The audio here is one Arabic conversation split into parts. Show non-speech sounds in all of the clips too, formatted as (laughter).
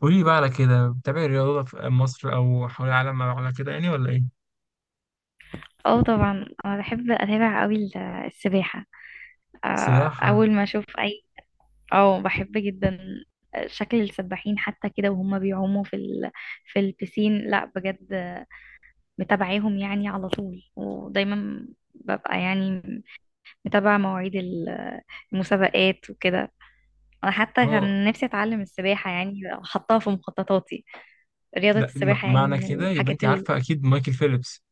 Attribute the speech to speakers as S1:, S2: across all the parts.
S1: قولي بقى على كده، بتابعي الرياضة في مصر أو حول العالم على كده يعني ولا إيه؟
S2: اه، طبعا انا بحب اتابع قوي السباحه. آه،
S1: سباحة.
S2: اول ما اشوف اي. اه، بحب جدا شكل السباحين حتى كده وهم بيعوموا في في البسين، لا بجد. متابعاهم يعني على طول، ودايما ببقى يعني متابعه مواعيد المسابقات وكده. انا حتى
S1: أه،
S2: كان نفسي اتعلم السباحه، يعني حطها في مخططاتي. رياضه
S1: لا،
S2: السباحه يعني
S1: معنى
S2: من
S1: كده يبقى
S2: الحاجات
S1: أنت
S2: ال...
S1: عارفة أكيد مايكل فيليبس.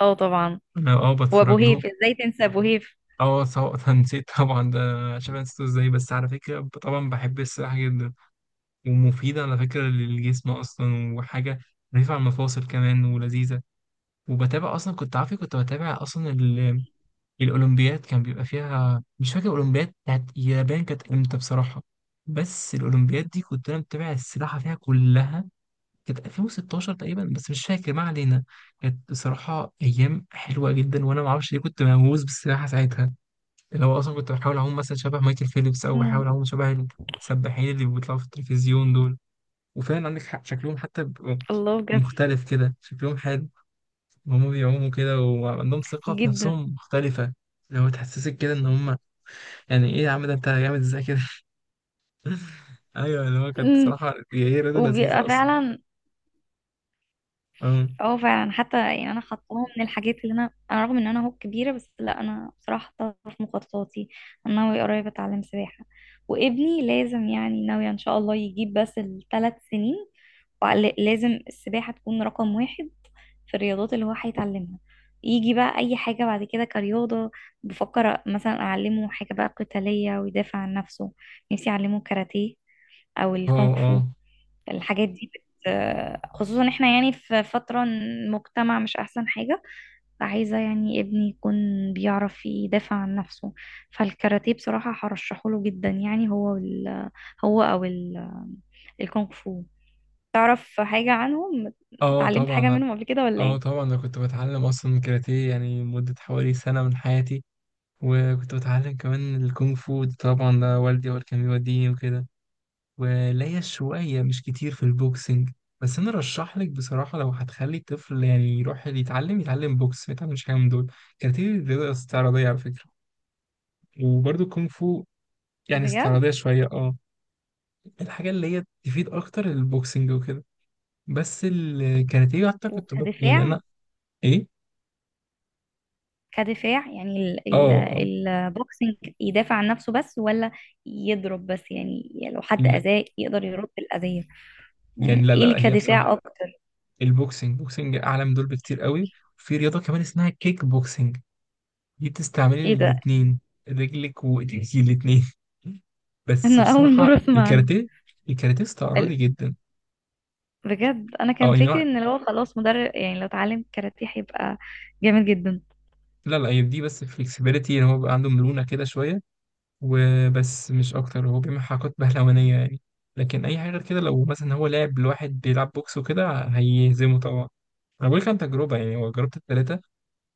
S2: اه، طبعا.
S1: أنا أه بتفرج
S2: وابو
S1: له.
S2: هيف، ازاي تنسى ابو هيف؟
S1: أه، سواء (laughs) نسيت طبعا ده. عشان أنا نسيته إزاي؟ بس على فكرة، طبعا بحب السباحة جدا، ومفيدة على فكرة للجسم أصلا، وحاجة رفيعة على المفاصل كمان ولذيذة. وبتابع أصلا، كنت عارفة كنت بتابع أصلا الأولمبياد، كان بيبقى فيها، مش فاكر الأولمبياد بتاعت اليابان كانت إمتى بصراحة، بس الأولمبياد دي كنت أنا متابع السباحة فيها كلها. كانت 2016 تقريبا، بس مش فاكر، ما علينا. كانت بصراحة أيام حلوة جدا، وأنا معرفش ليه كنت مهووس بالسباحة ساعتها. اللي هو أصلا كنت بحاول أعوم مثلا شبه مايكل فيليبس، أو بحاول
S2: مم.
S1: أعوم شبه السباحين اللي بيطلعوا في التلفزيون دول. وفعلا عندك حق، شكلهم حتى بيبقوا
S2: الله، بجد.
S1: مختلف كده، شكلهم حلو وهم بيعوموا كده، وعندهم ثقة في
S2: جدا.
S1: نفسهم مختلفة. لو تحسسك كده ان هم، يعني ايه يا عم، ده انت جامد ازاي كده! (laughs) ايوه، اللي هو كانت
S2: امم.
S1: صراحه هي رياضه
S2: وبيبقى
S1: لذيذه اصلا.
S2: فعلا.
S1: اه
S2: اه، فعلا حتى يعني انا حطاها من الحاجات اللي انا رغم ان انا اهو كبيره، بس لا، انا بصراحه حطاها في مخططاتي. انا ناويه قريب اتعلم سباحه. وابني لازم يعني، ناويه ان شاء الله يجيب بس 3 سنين، ولازم السباحه تكون رقم 1 في الرياضات اللي هو هيتعلمها. يجي بقى اي حاجه بعد كده كرياضه. بفكر مثلا اعلمه حاجه بقى قتاليه ويدافع عن نفسه. نفسي اعلمه كاراتيه، او
S1: اه.
S2: الكونغ
S1: اه،
S2: فو. الحاجات دي خصوصا احنا يعني في فترة المجتمع مش احسن حاجة. فعايزة يعني ابني يكون بيعرف يدافع عن نفسه. فالكاراتيه بصراحة هرشحه له جدا، يعني هو هو او ال... الكونغ فو. تعرف حاجة عنهم؟
S1: اه
S2: اتعلمت حاجة
S1: طبعا.
S2: منهم قبل كده ولا
S1: اه
S2: ايه؟
S1: طبعا، انا كنت بتعلم اصلا كاراتيه يعني مده حوالي سنه من حياتي، وكنت بتعلم كمان الكونغ فو طبعا، ده والدي هو اللي كان بيوديني وكده. وليا شويه مش كتير في البوكسنج. بس انا رشح لك بصراحه، لو هتخلي الطفل يعني يروح يتعلم بوكس، ما يتعلمش حاجه من دول. كاراتيه رياضه استعراضيه على فكره، وبرضه كونغ فو، يعني
S2: بجد؟
S1: استعراضية شوية، اه. الحاجة اللي هي تفيد أكتر البوكسنج وكده. بس الكاراتيه أعتقد يعني
S2: وكدفاع.
S1: أنا. إيه؟
S2: كدفاع يعني
S1: آه آه.
S2: البوكسينج يدافع عن نفسه بس، ولا يضرب بس؟ يعني، لو حد
S1: لا
S2: أذاه يقدر يرد الأذية.
S1: يعني،
S2: يعني
S1: لا
S2: ايه
S1: لا
S2: اللي
S1: لا، هي
S2: كدفاع
S1: بصراحة
S2: اكتر؟
S1: البوكسنج، بوكسنج أعلى من دول بكتير قوي. وفي رياضة كمان اسمها كيك بوكسنج، دي بتستعملي
S2: ايه ده،
S1: الاتنين، رجلك وإيديكي الاتنين. (laughs) بس
S2: انا اول
S1: بصراحة
S2: مره اسمع عنه.
S1: الكاراتيه، الكاراتيه استعراضي
S2: ال-
S1: جدا.
S2: بجد انا
S1: أو
S2: كان
S1: يعني
S2: فكري
S1: لا
S2: ان لو خلاص مدرب، يعني لو اتعلم كاراتيه هيبقى جامد جدا.
S1: لا، لا هي دي بس فليكسبيليتي، إن هو بيبقى عنده مرونة كده شوية، وبس مش اكتر، هو بيعمل حركات بهلوانيه يعني. لكن اي حاجه غير كده، لو مثلا هو لعب لواحد بيلعب بوكس وكده هيهزمه طبعا. انا بقول لك عن تجربه يعني، هو جربت الثلاثه.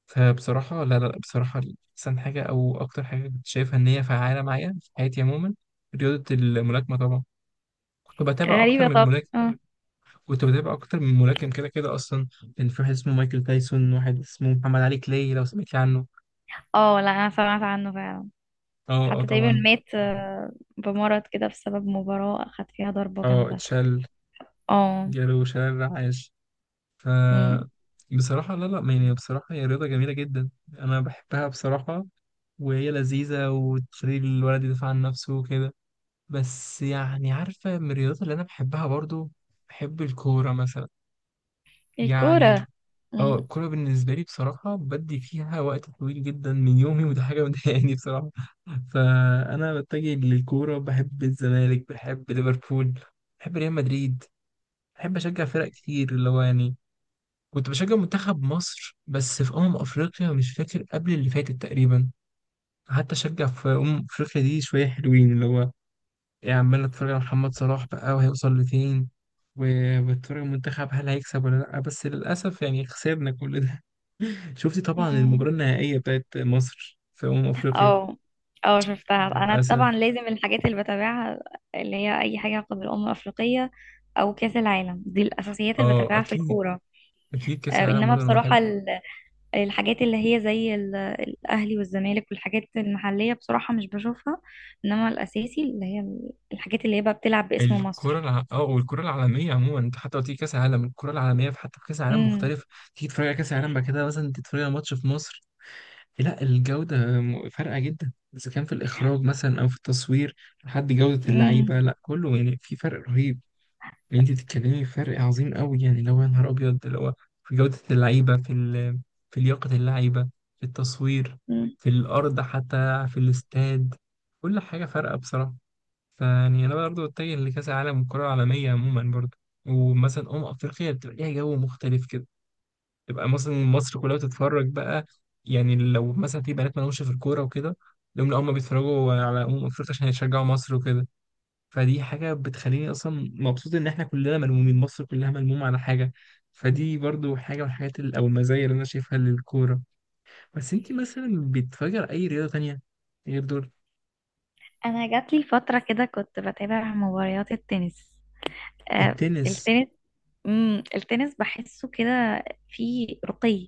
S1: فبصراحه، لا لا لا، بصراحه احسن حاجه او اكتر حاجه كنت شايفها ان هي فعاله معايا في حياتي عموما رياضه الملاكمه طبعا. كنت بتابع اكتر
S2: غريبه.
S1: من
S2: طب
S1: ملاكم،
S2: اه.
S1: كنت بتابع اكتر من ملاكم كده كده اصلا. كان في واحد اسمه مايكل تايسون، واحد اسمه محمد علي كلاي، لو سمعت عنه.
S2: اه، لا، انا سمعت عنه فعلا.
S1: اه، اه
S2: حتى تقريبا
S1: طبعا.
S2: مات، بمرض كده بسبب مباراه اخد فيها ضربه
S1: اه
S2: جامده.
S1: اتشال،
S2: اه.
S1: جاله شلل رعاش. ف
S2: أمم.
S1: بصراحة، لا لا يعني، بصراحة هي رياضة جميلة جدا، أنا بحبها بصراحة. وهي لذيذة، وتخلي الولد يدافع عن نفسه وكده. بس يعني عارفة، من الرياضات اللي أنا بحبها برضو، بحب الكورة مثلا، يعني.
S2: الكوره.
S1: اه،
S2: أمم.
S1: الكورة بالنسبة لي بصراحة بدي فيها وقت طويل جدا من يومي، وده حاجة مضايقاني بصراحة. فأنا بتجه للكورة، بحب الزمالك، بحب ليفربول، بحب ريال مدريد، بحب أشجع فرق كتير اللي هو يعني. كنت بشجع منتخب مصر بس في أمم أفريقيا، مش فاكر، قبل اللي فاتت تقريبا. حتى أشجع في أمم أفريقيا دي، شوية حلوين اللي هو، إيه، عمال أتفرج على محمد صلاح بقى وهيوصل لفين، وبتفرج على المنتخب هل هيكسب ولا لأ. بس للأسف يعني خسرنا كل ده. (laughs) شفتي طبعا
S2: أمم.
S1: المباراة النهائية بتاعت مصر في أمم أفريقيا.
S2: اه. اه، شفتها انا
S1: للأسف.
S2: طبعا. لازم الحاجات اللي بتابعها اللي هي اي حاجه قبل الامم الافريقيه او كاس العالم، دي الاساسيات اللي
S1: أه
S2: بتابعها في
S1: أكيد،
S2: الكوره.
S1: أكيد كأس العالم
S2: انما
S1: برضه أنا بحبه.
S2: بصراحه الحاجات اللي هي زي الأهلي والزمالك والحاجات المحلية بصراحة مش بشوفها، إنما الأساسي اللي هي الحاجات اللي هي بقى بتلعب باسم
S1: الكرة
S2: مصر.
S1: اه، والكرة العالمية عموما، انت حتى لو تيجي كأس العالم، الكرة العالمية في، حتى في كأس العالم
S2: امم.
S1: مختلف. تيجي تتفرج على كأس العالم، بعد كده مثلا تتفرج على ماتش في مصر، لا الجودة فارقة جدا، إذا كان في الإخراج مثلا أو في التصوير لحد جودة
S2: امم.
S1: اللعيبة، لا كله، يعني في فرق رهيب. اللي انت بتتكلمي في فرق عظيم قوي، يعني اللي هو يا نهار أبيض، اللي هو في جودة اللعيبة، في لياقة اللعيبة، في التصوير،
S2: أمم.
S1: في الأرض، حتى في الاستاد، كل حاجة فارقة بصراحة. فيعني انا برضه اتجه لكاس العالم والكره العالميه عموما برضه. ومثلا افريقيا بتبقى ليها جو مختلف كده، تبقى مثلا مصر كلها بتتفرج بقى. يعني لو مثلا في بنات مالهمش في الكوره وكده، لهم، لا هم بيتفرجوا على افريقيا عشان يشجعوا مصر وكده. فدي حاجه بتخليني اصلا مبسوط، ان احنا كلنا ملمومين، مصر كلها ملمومه على حاجه. فدي برضه حاجه من الحاجات او المزايا اللي انا شايفها للكوره. بس انت مثلا بتفجر اي رياضه تانية غير دول؟
S2: أنا جات لي فترة كده كنت بتابع مباريات التنس. آه،
S1: التنس.
S2: التنس. التنس بحسه كده فيه رقي.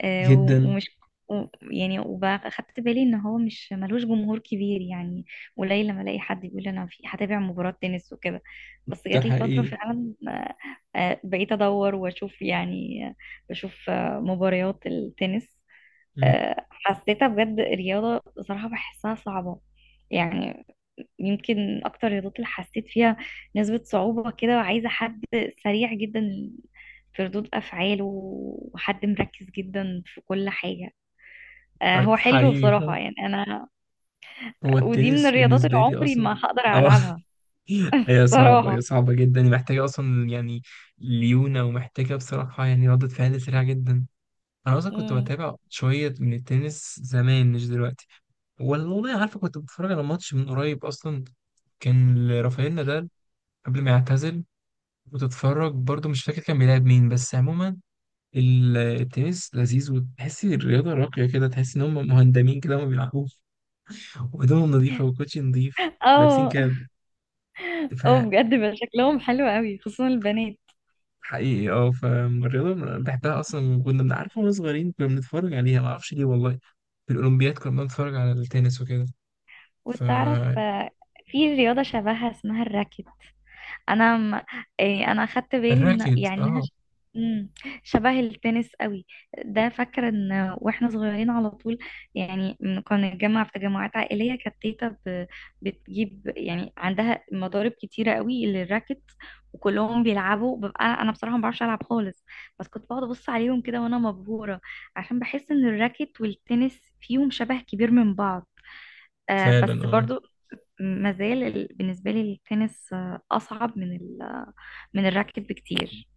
S2: آه، و-
S1: جدا.
S2: ومش يعني وأخدت بالي إن هو مش ملوش جمهور كبير، يعني قليل لما ألاقي حد بيقول أنا في هتابع مباراة تنس وكده. بس
S1: ده
S2: جات لي فترة
S1: حقيقي.
S2: فعلا، بقيت أدور وأشوف يعني، بشوف مباريات التنس. حسيتها بجد، الرياضة صراحة بحسها صعبة يعني. يمكن أكتر الرياضات اللي حسيت فيها نسبة صعوبة كده، وعايزة حد سريع جدا في ردود أفعاله وحد مركز جدا في كل حاجة. هو
S1: في
S2: حلو
S1: حقيقي
S2: بصراحة،
S1: فعلا.
S2: يعني أنا
S1: هو
S2: ودي من
S1: التنس
S2: الرياضات اللي
S1: بالنسبة لي
S2: عمري
S1: أصلا،
S2: ما هقدر
S1: اه
S2: ألعبها
S1: (laughs) هي صعبة، هي
S2: صراحة.
S1: صعبة جدا، محتاجة أصلا يعني ليونة، ومحتاجة بصراحة يعني ردة فعل سريعة جدا. أنا أصلا كنت
S2: امم.
S1: بتابع شوية من التنس زمان، مش دلوقتي. والله عارفة، كنت بتفرج على ماتش من قريب أصلا، كان لرافائيل نادال قبل ما يعتزل. وتتفرج برضو، مش فاكر كان بيلعب مين، بس عموما التنس لذيذ، وتحسي الرياضة راقية كده، تحسي إن هم مهندمين كده، وما بيلعبوش، وهدومهم نظيفة، وكوتشي نظيف، لابسين
S2: اه.
S1: كاب. ف
S2: اه، بجد بقى شكلهم حلو قوي، خصوصا البنات.
S1: حقيقي اه، فالرياضة بحبها أصلا، كنا بنعرف واحنا صغيرين، كنا بنتفرج عليها معرفش ليه والله. في الأولمبياد كنا بنتفرج على التنس وكده.
S2: وتعرف،
S1: فالراكت.
S2: في رياضة شبهها اسمها الراكت. انا م... إيه، انا اخدت بالي ان يعني
S1: اه
S2: مم، شبه التنس قوي. ده فاكره ان واحنا صغيرين على طول يعني كنا نتجمع في تجمعات عائليه، كانت تيتا بتجيب يعني عندها مضارب كتيره قوي للراكت. وكلهم بيلعبوا، ببقى انا بصراحه ما بعرفش العب خالص. بس كنت بقعد ابص عليهم كده وانا مبهوره، عشان بحس ان الراكت والتنس فيهم شبه كبير من بعض. آه،
S1: فعلا.
S2: بس
S1: اه
S2: برضو ما زال بالنسبه لي التنس، اصعب من من الراكت بكتير.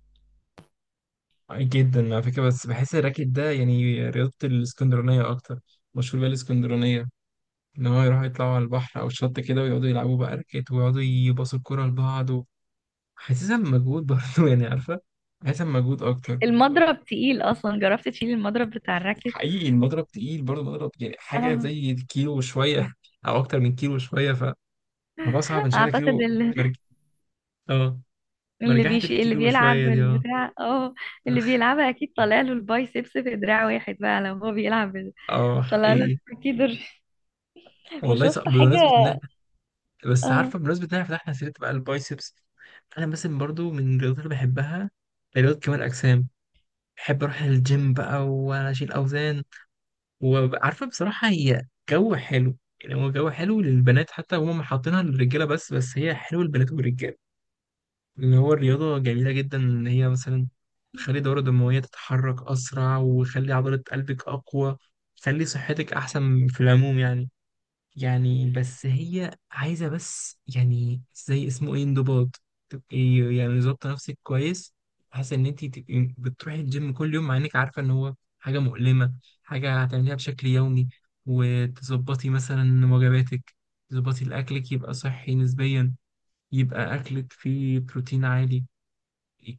S1: جدا على فكرة، بس بحس الراكت ده يعني رياضة الاسكندرانية أكتر، مشهور بيها الاسكندرانية. إن هو يروحوا يطلعوا على البحر أو الشط كده، ويقعدوا يلعبوا بقى راكت، ويقعدوا يباصوا الكرة لبعض، حاسسها بمجهود برضه، (laughs) يعني عارفة، حاسسها بمجهود أكتر.
S2: المضرب تقيل، اصلا جربت تشيل المضرب بتاع الراكت؟
S1: حقيقي المضرب تقيل برضه، مضرب يعني حاجة
S2: اه.
S1: زي الكيلو وشوية، (laughs) أو أكتر من كيلو وشوية. فالموضوع صعب، إن شايلة
S2: اعتقد
S1: كيلو.
S2: اللي
S1: مرج... آه، مرجحة
S2: اللي
S1: الكيلو
S2: بيلعب
S1: وشوية دي، آه.
S2: البتاع، اه، اللي
S1: (laughs)
S2: بيلعبها اكيد طالع له البايسبس في دراع واحد، بقى لو هو بيلعب
S1: آه
S2: طالع له
S1: حقيقي.
S2: اكيد (laughs)
S1: والله
S2: وشفت
S1: صعب بمناسبة
S2: حاجه.
S1: إن إحنا، بس
S2: اه.
S1: عارفة بمناسبة إن إحنا فتحنا سيرة بقى البايسبس، أنا مثلا برضه من الرياضات اللي بحبها رياضة كمال الأجسام. بحب أروح الجيم بقى وأشيل أوزان. وعارفة بصراحة هي جو حلو، يعني هو جو حلو للبنات، حتى هم حاطينها للرجالة بس، بس هي حلوة للبنات والرجالة. ان هو الرياضه جميله جدا، ان هي مثلا تخلي الدوره الدمويه تتحرك اسرع، وتخلي عضله قلبك اقوى، تخلي صحتك احسن في العموم يعني. يعني بس هي عايزه بس يعني زي اسمه ايه، انضباط. تبقي يعني ظابطه نفسك كويس، حاسه ان انت تبقي بتروحي الجيم كل يوم، مع انك عارفه ان هو حاجه مؤلمه، حاجه هتعمليها بشكل يومي. وتظبطي مثلا وجباتك، تظبطي الاكلك يبقى صحي نسبيا، يبقى اكلك فيه بروتين عالي.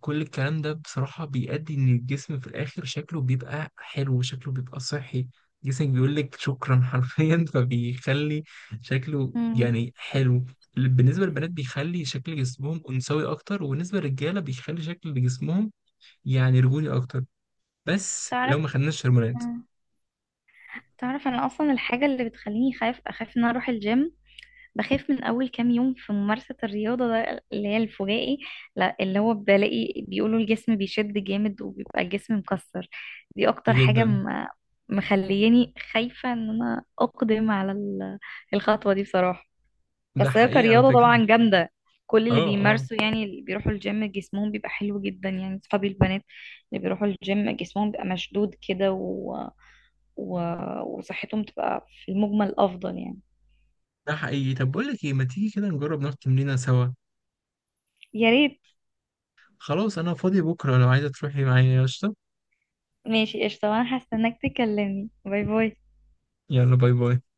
S1: كل الكلام ده بصراحة بيؤدي إن الجسم في الآخر شكله بيبقى حلو، شكله بيبقى صحي. جسمك بيقول لك شكرا حرفيا. (laughs) فبيخلي شكله
S2: أمم.
S1: يعني حلو. بالنسبة للبنات بيخلي شكل جسمهم أنثوي أكتر، وبالنسبة للرجالة بيخلي شكل جسمهم يعني رجولي أكتر، بس لو
S2: تعرف؟
S1: ما خدناش هرمونات.
S2: أمم. تعرف، انا اصلا الحاجه اللي بتخليني خايف، اخاف ان أنا اروح الجيم. بخاف من أول كام يوم في ممارسة الرياضة، ده اللي هي الفجائي. لا، اللي هو بلاقي بيقولوا الجسم بيشد جامد وبيبقى الجسم مكسر. دي أكتر حاجة
S1: جدا.
S2: مخلياني خايفة إن أنا أقدم على الخطوة دي بصراحة.
S1: ده
S2: بس هي
S1: حقيقي على
S2: كرياضة
S1: فكرة.
S2: طبعا جامدة. كل
S1: اه
S2: اللي
S1: اه.
S2: بيمارسوا، يعني اللي بيروحوا الجيم جسمهم بيبقى حلو جدا، يعني صحابي البنات اللي بيروحوا الجيم جسمهم بيبقى مشدود كده و... وصحتهم تبقى في المجمل أفضل يعني.
S1: ده حقيقي، طب بقول لك ايه، ما تيجي كده نجرب نروح تمرينة سوا؟
S2: يا ريت.
S1: خلاص أنا فاضي بكرة، لو عايزة تروحي معايا يا قشطة.
S2: ماشي، قشطة، وانا هستناك تكلمني. باي باي.
S1: يلا، باي باي.